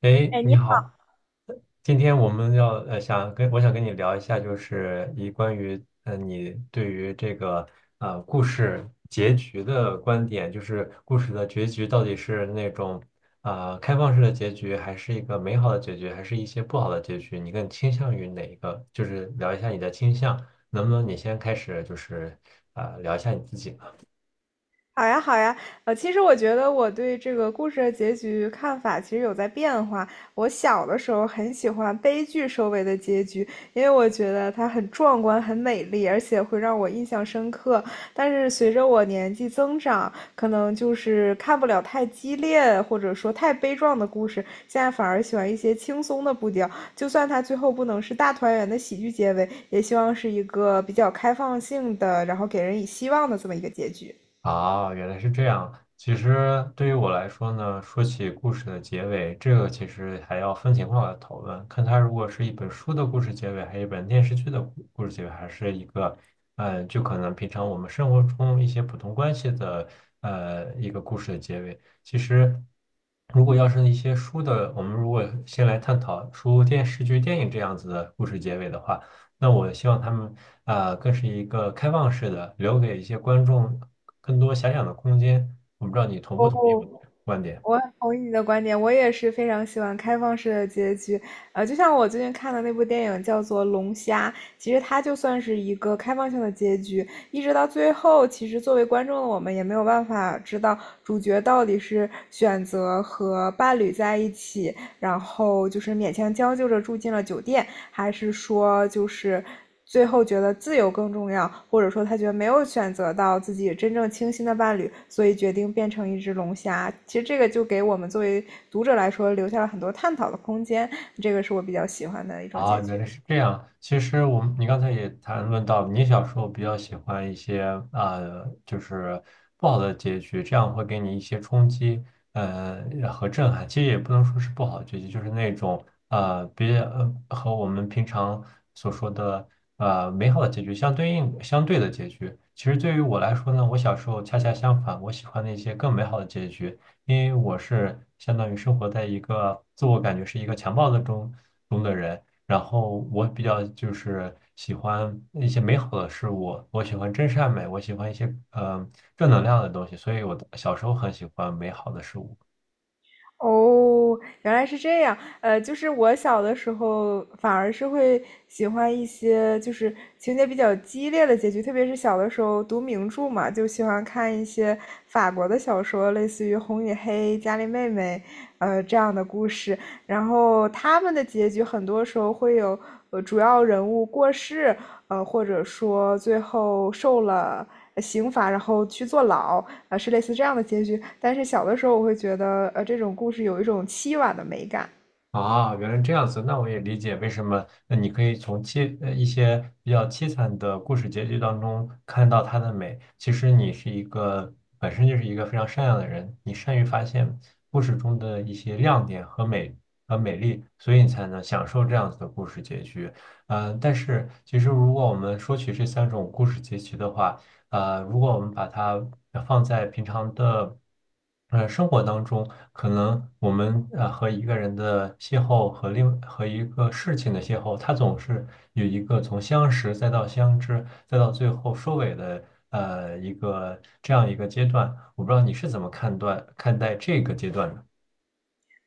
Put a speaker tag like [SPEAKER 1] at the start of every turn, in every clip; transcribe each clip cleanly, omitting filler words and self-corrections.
[SPEAKER 1] 哎，
[SPEAKER 2] 哎，
[SPEAKER 1] 你
[SPEAKER 2] 你
[SPEAKER 1] 好，今天我们要呃想跟我想跟你聊一下，就是关于你对于这个故事结局的观点，就是故事的结局到底是那种开放式的结局，还是一个美好的结局，还是一些不好的结局？你更倾向于哪一个？就是聊一下你的倾向，能不能你先开始就是聊一下你自己呢？
[SPEAKER 2] 好呀，好呀。其实我觉得我对这个故事的结局看法其实有在变化。我小的时候很喜欢悲剧收尾的结局，因为我觉得它很壮观、很美丽，而且会让我印象深刻。但是随着我年纪增长，可能就是看不了太激烈或者说太悲壮的故事，现在反而喜欢一些轻松的步调。就算它最后不能是大团圆的喜剧结尾，也希望是一个比较开放性的，然后给人以希望的这么一个结局。
[SPEAKER 1] 啊，原来是这样。其实对于我来说呢，说起故事的结尾，这个其实还要分情况来讨论，看它如果是一本书的故事结尾，还是一本电视剧的故事结尾，还是一个，嗯，就可能平常我们生活中一些普通关系的，呃，一个故事的结尾。其实，如果要是一些书的，我们如果先来探讨书、电视剧、电影这样子的故事结尾的话。那我希望他们更是一个开放式的，留给一些观众更多遐想的空间。我不知道你同不同意我
[SPEAKER 2] 我
[SPEAKER 1] 的观点。
[SPEAKER 2] 我很同意你的观点，我也是非常喜欢开放式的结局。就像我最近看的那部电影叫做《龙虾》，其实它就算是一个开放性的结局，一直到最后，其实作为观众的我们也没有办法知道主角到底是选择和伴侣在一起，然后就是勉强将就着住进了酒店，还是说就是最后觉得自由更重要，或者说他觉得没有选择到自己真正倾心的伴侣，所以决定变成一只龙虾。其实这个就给我们作为读者来说留下了很多探讨的空间，这个是我比较喜欢的一种
[SPEAKER 1] 啊，
[SPEAKER 2] 结
[SPEAKER 1] 原
[SPEAKER 2] 局。
[SPEAKER 1] 来是这样。其实我们，你刚才也谈论到，你小时候比较喜欢一些就是不好的结局，这样会给你一些冲击，呃，和震撼。其实也不能说是不好的结局，就是那种呃，别呃和我们平常所说的美好的结局相对的结局。其实对于我来说呢，我小时候恰恰相反，我喜欢那些更美好的结局，因为我是相当于生活在一个自我感觉是一个强暴的中的人。然后我比较就是喜欢一些美好的事物，我喜欢真善美，我喜欢一些正能量的东西，所以我的小时候很喜欢美好的事物。
[SPEAKER 2] 哦，原来是这样。就是我小的时候反而是会喜欢一些就是情节比较激烈的结局，特别是小的时候读名著嘛，就喜欢看一些法国的小说，类似于《红与黑》《伽利妹妹》这样的故事。然后他们的结局很多时候会有主要人物过世，或者说最后受了刑罚，然后去坐牢，是类似这样的结局。但是小的时候，我会觉得，这种故事有一种凄婉的美感，
[SPEAKER 1] 啊，原来这样子，那我也理解为什么。那你可以从一些比较凄惨的故事结局当中看到它的美。其实你是一个本身就是一个非常善良的人，你善于发现故事中的一些亮点和美丽，所以你才能享受这样子的故事结局。嗯，但是其实如果我们说起这三种故事结局的话，呃，如果我们把它放在平常的生活当中。可能我们和一个人的邂逅和一个事情的邂逅，它总是有一个从相识再到相知，再到最后收尾的呃一个这样一个阶段。我不知道你是怎么看待这个阶段的。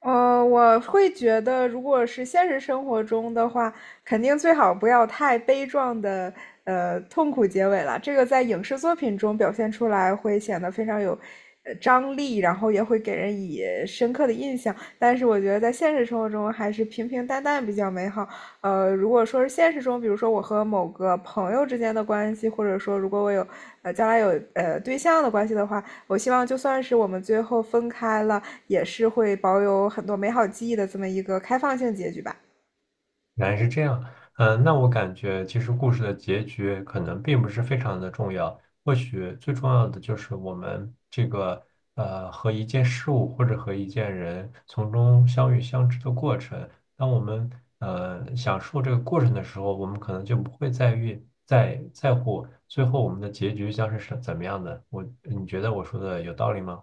[SPEAKER 2] 我会觉得，如果是现实生活中的话，肯定最好不要太悲壮的，痛苦结尾了。这个在影视作品中表现出来，会显得非常有，张力，然后也会给人以深刻的印象。但是我觉得在现实生活中，还是平平淡淡比较美好。如果说是现实中，比如说我和某个朋友之间的关系，或者说如果我有，将来有对象的关系的话，我希望就算是我们最后分开了。也是会保有很多美好记忆的这么一个开放性结局吧。
[SPEAKER 1] 原来是这样，嗯，那我感觉其实故事的结局可能并不是非常的重要，或许最重要的就是我们这个和一件事物或者和一件人从中相遇相知的过程。当我们享受这个过程的时候，我们可能就不会在意在在乎最后我们的结局将是怎么样的。我，你觉得我说的有道理吗？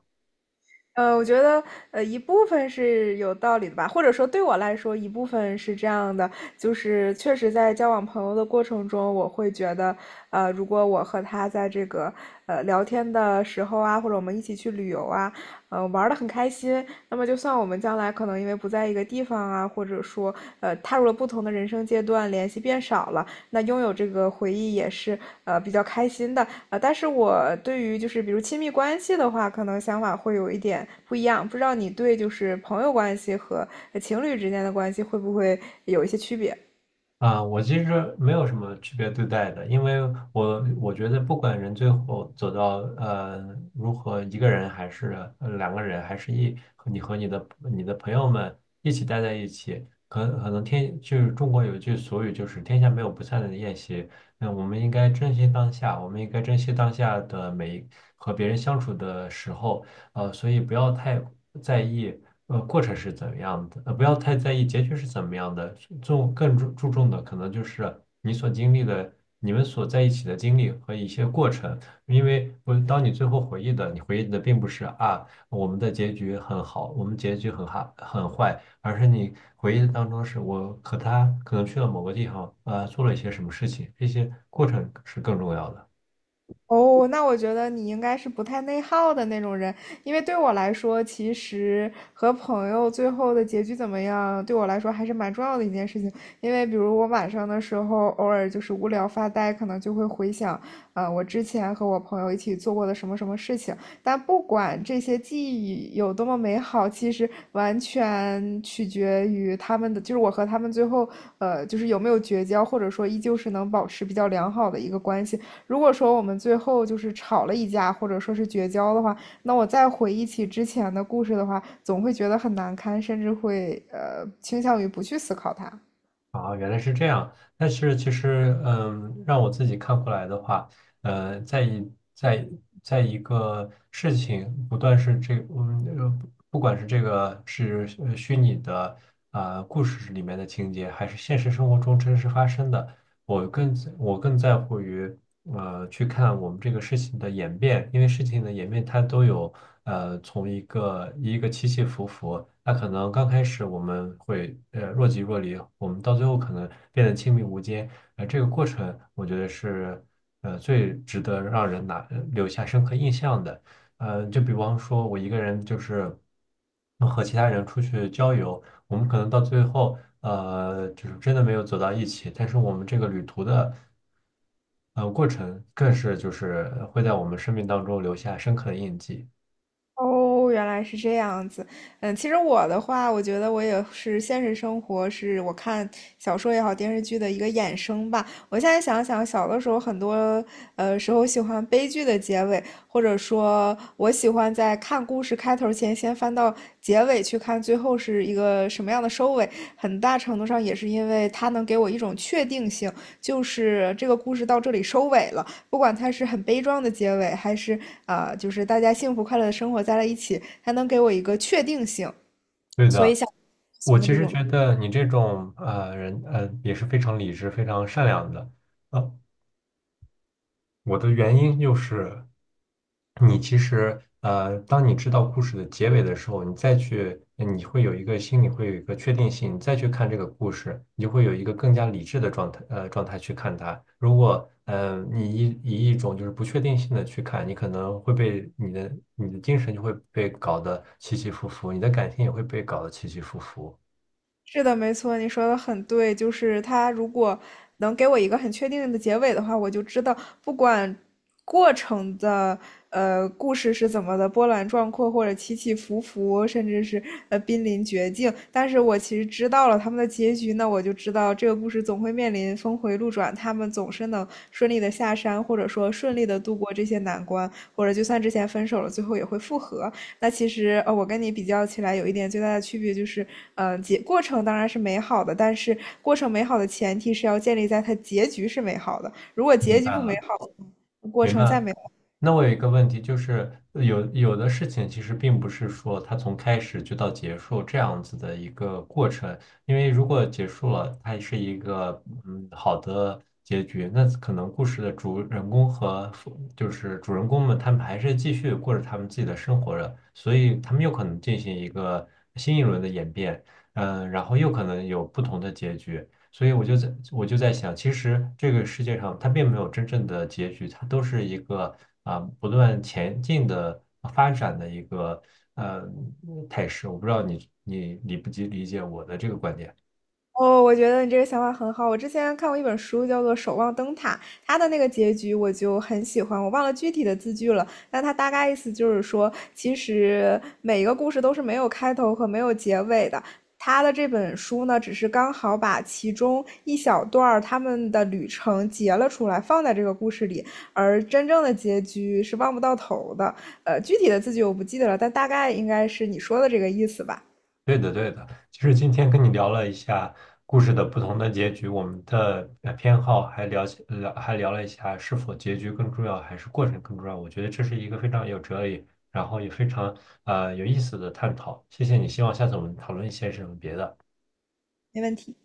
[SPEAKER 2] 我觉得一部分是有道理的吧，或者说对我来说一部分是这样的，就是确实在交往朋友的过程中，我会觉得，如果我和他在这个聊天的时候啊，或者我们一起去旅游啊，玩的很开心，那么就算我们将来可能因为不在一个地方啊，或者说踏入了不同的人生阶段，联系变少了。那拥有这个回忆也是比较开心的，但是我对于就是比如亲密关系的话，可能想法会有一点不一样，不知道你对就是朋友关系和情侣之间的关系会不会有一些区别？
[SPEAKER 1] 啊，我其实没有什么区别对待的，因为我觉得不管人最后走到如何一个人还是两个人，还是一和你和你的你的朋友们一起待在一起，可能就是中国有一句俗语，就是天下没有不散的宴席。那我们应该珍惜当下，我们应该珍惜当下的每一和别人相处的时候，呃，所以不要太在意。过程是怎么样的，不要太在意结局是怎么样的，更注重的可能就是你所经历的，你们所在一起的经历和一些过程，因为我当你最后回忆的，你回忆的并不是啊我们的结局很好，我们结局很坏，而是你回忆的当中是我和他可能去了某个地方，做了一些什么事情，这些过程是更重要的。
[SPEAKER 2] 哦，那我觉得你应该是不太内耗的那种人，因为对我来说，其实和朋友最后的结局怎么样，对我来说还是蛮重要的一件事情。因为比如我晚上的时候，偶尔就是无聊发呆，可能就会回想，我之前和我朋友一起做过的什么什么事情。但不管这些记忆有多么美好，其实完全取决于他们的，就是我和他们最后，就是有没有绝交，或者说依旧是能保持比较良好的一个关系。如果说我们最后就是吵了一架，或者说是绝交的话，那我再回忆起之前的故事的话，总会觉得很难堪，甚至会倾向于不去思考它。
[SPEAKER 1] 啊，原来是这样。但是其实，嗯，让我自己看过来的话，呃，在一个事情不断是这，嗯，不管是这个是虚拟的故事里面的情节，还是现实生活中真实发生的，我更在乎于去看我们这个事情的演变，因为事情的演变它都有从一个起起伏伏，那可能刚开始我们会若即若离，我们到最后可能变得亲密无间，这个过程我觉得是最值得让人留下深刻印象的，就比方说我一个人就是和其他人出去郊游。我们可能到最后，呃，就是真的没有走到一起，但是我们这个旅途的，呃，过程更是就是会在我们生命当中留下深刻的印记。
[SPEAKER 2] 哦，原来是这样子。嗯，其实我的话，我觉得我也是现实生活，是我看小说也好，电视剧的一个衍生吧。我现在想想，小的时候很多时候喜欢悲剧的结尾，或者说我喜欢在看故事开头前先翻到结尾去看最后是一个什么样的收尾。很大程度上也是因为它能给我一种确定性，就是这个故事到这里收尾了。不管它是很悲壮的结尾，还是啊，就是大家幸福快乐的生活在了一起，它能给我一个确定性。
[SPEAKER 1] 对
[SPEAKER 2] 所以
[SPEAKER 1] 的，
[SPEAKER 2] 像我
[SPEAKER 1] 我
[SPEAKER 2] 喜欢
[SPEAKER 1] 其
[SPEAKER 2] 这
[SPEAKER 1] 实
[SPEAKER 2] 种
[SPEAKER 1] 觉得你这种人，呃，也是非常理智、非常善良的。呃我的原因就是，你其实，当你知道故事的结尾的时候，你再去，你会有一个心里会有一个确定性，你再去看这个故事，你就会有一个更加理智的状态，呃，状态去看它。如果，你以一种就是不确定性的去看，你可能会被你的精神就会被搞得起起伏伏，你的感情也会被搞得起起伏伏。
[SPEAKER 2] 是的，没错，你说的很对，就是他如果能给我一个很确定的结尾的话，我就知道不管过程的故事是怎么的波澜壮阔，或者起起伏伏，甚至是濒临绝境，但是我其实知道了他们的结局那我就知道这个故事总会面临峰回路转，他们总是能顺利的下山，或者说顺利的度过这些难关，或者就算之前分手了，最后也会复合。那其实我跟你比较起来，有一点最大的区别就是，结过程当然是美好的，但是过程美好的前提是要建立在它结局是美好的。如果结局不美好，过
[SPEAKER 1] 明
[SPEAKER 2] 程
[SPEAKER 1] 白。
[SPEAKER 2] 再美。
[SPEAKER 1] 那我有一个问题，就是有的事情其实并不是说它从开始就到结束这样子的一个过程，因为如果结束了，它是一个嗯好的结局，那可能故事的主人公和副就是主人公们他们还是继续过着他们自己的生活着，所以他们又可能进行一个新一轮的演变，嗯，然后又可能有不同的结局。所以我就在想，其实这个世界上它并没有真正的结局，它都是一个不断前进的发展的一个呃态势。我不知道你理不理解我的这个观点。
[SPEAKER 2] 哦，我觉得你这个想法很好。我之前看过一本书，叫做《守望灯塔》，它的那个结局我就很喜欢。我忘了具体的字句了，但它大概意思就是说，其实每一个故事都是没有开头和没有结尾的。他的这本书呢，只是刚好把其中一小段儿他们的旅程截了出来，放在这个故事里，而真正的结局是望不到头的。具体的字句我不记得了，但大概应该是你说的这个意思吧？
[SPEAKER 1] 对的，对的，其实今天跟你聊了一下故事的不同的结局，我们的偏好，还聊了一下是否结局更重要，还是过程更重要。我觉得这是一个非常有哲理，然后也非常有意思的探讨。谢谢你，希望下次我们讨论一些什么别的。
[SPEAKER 2] 没问题。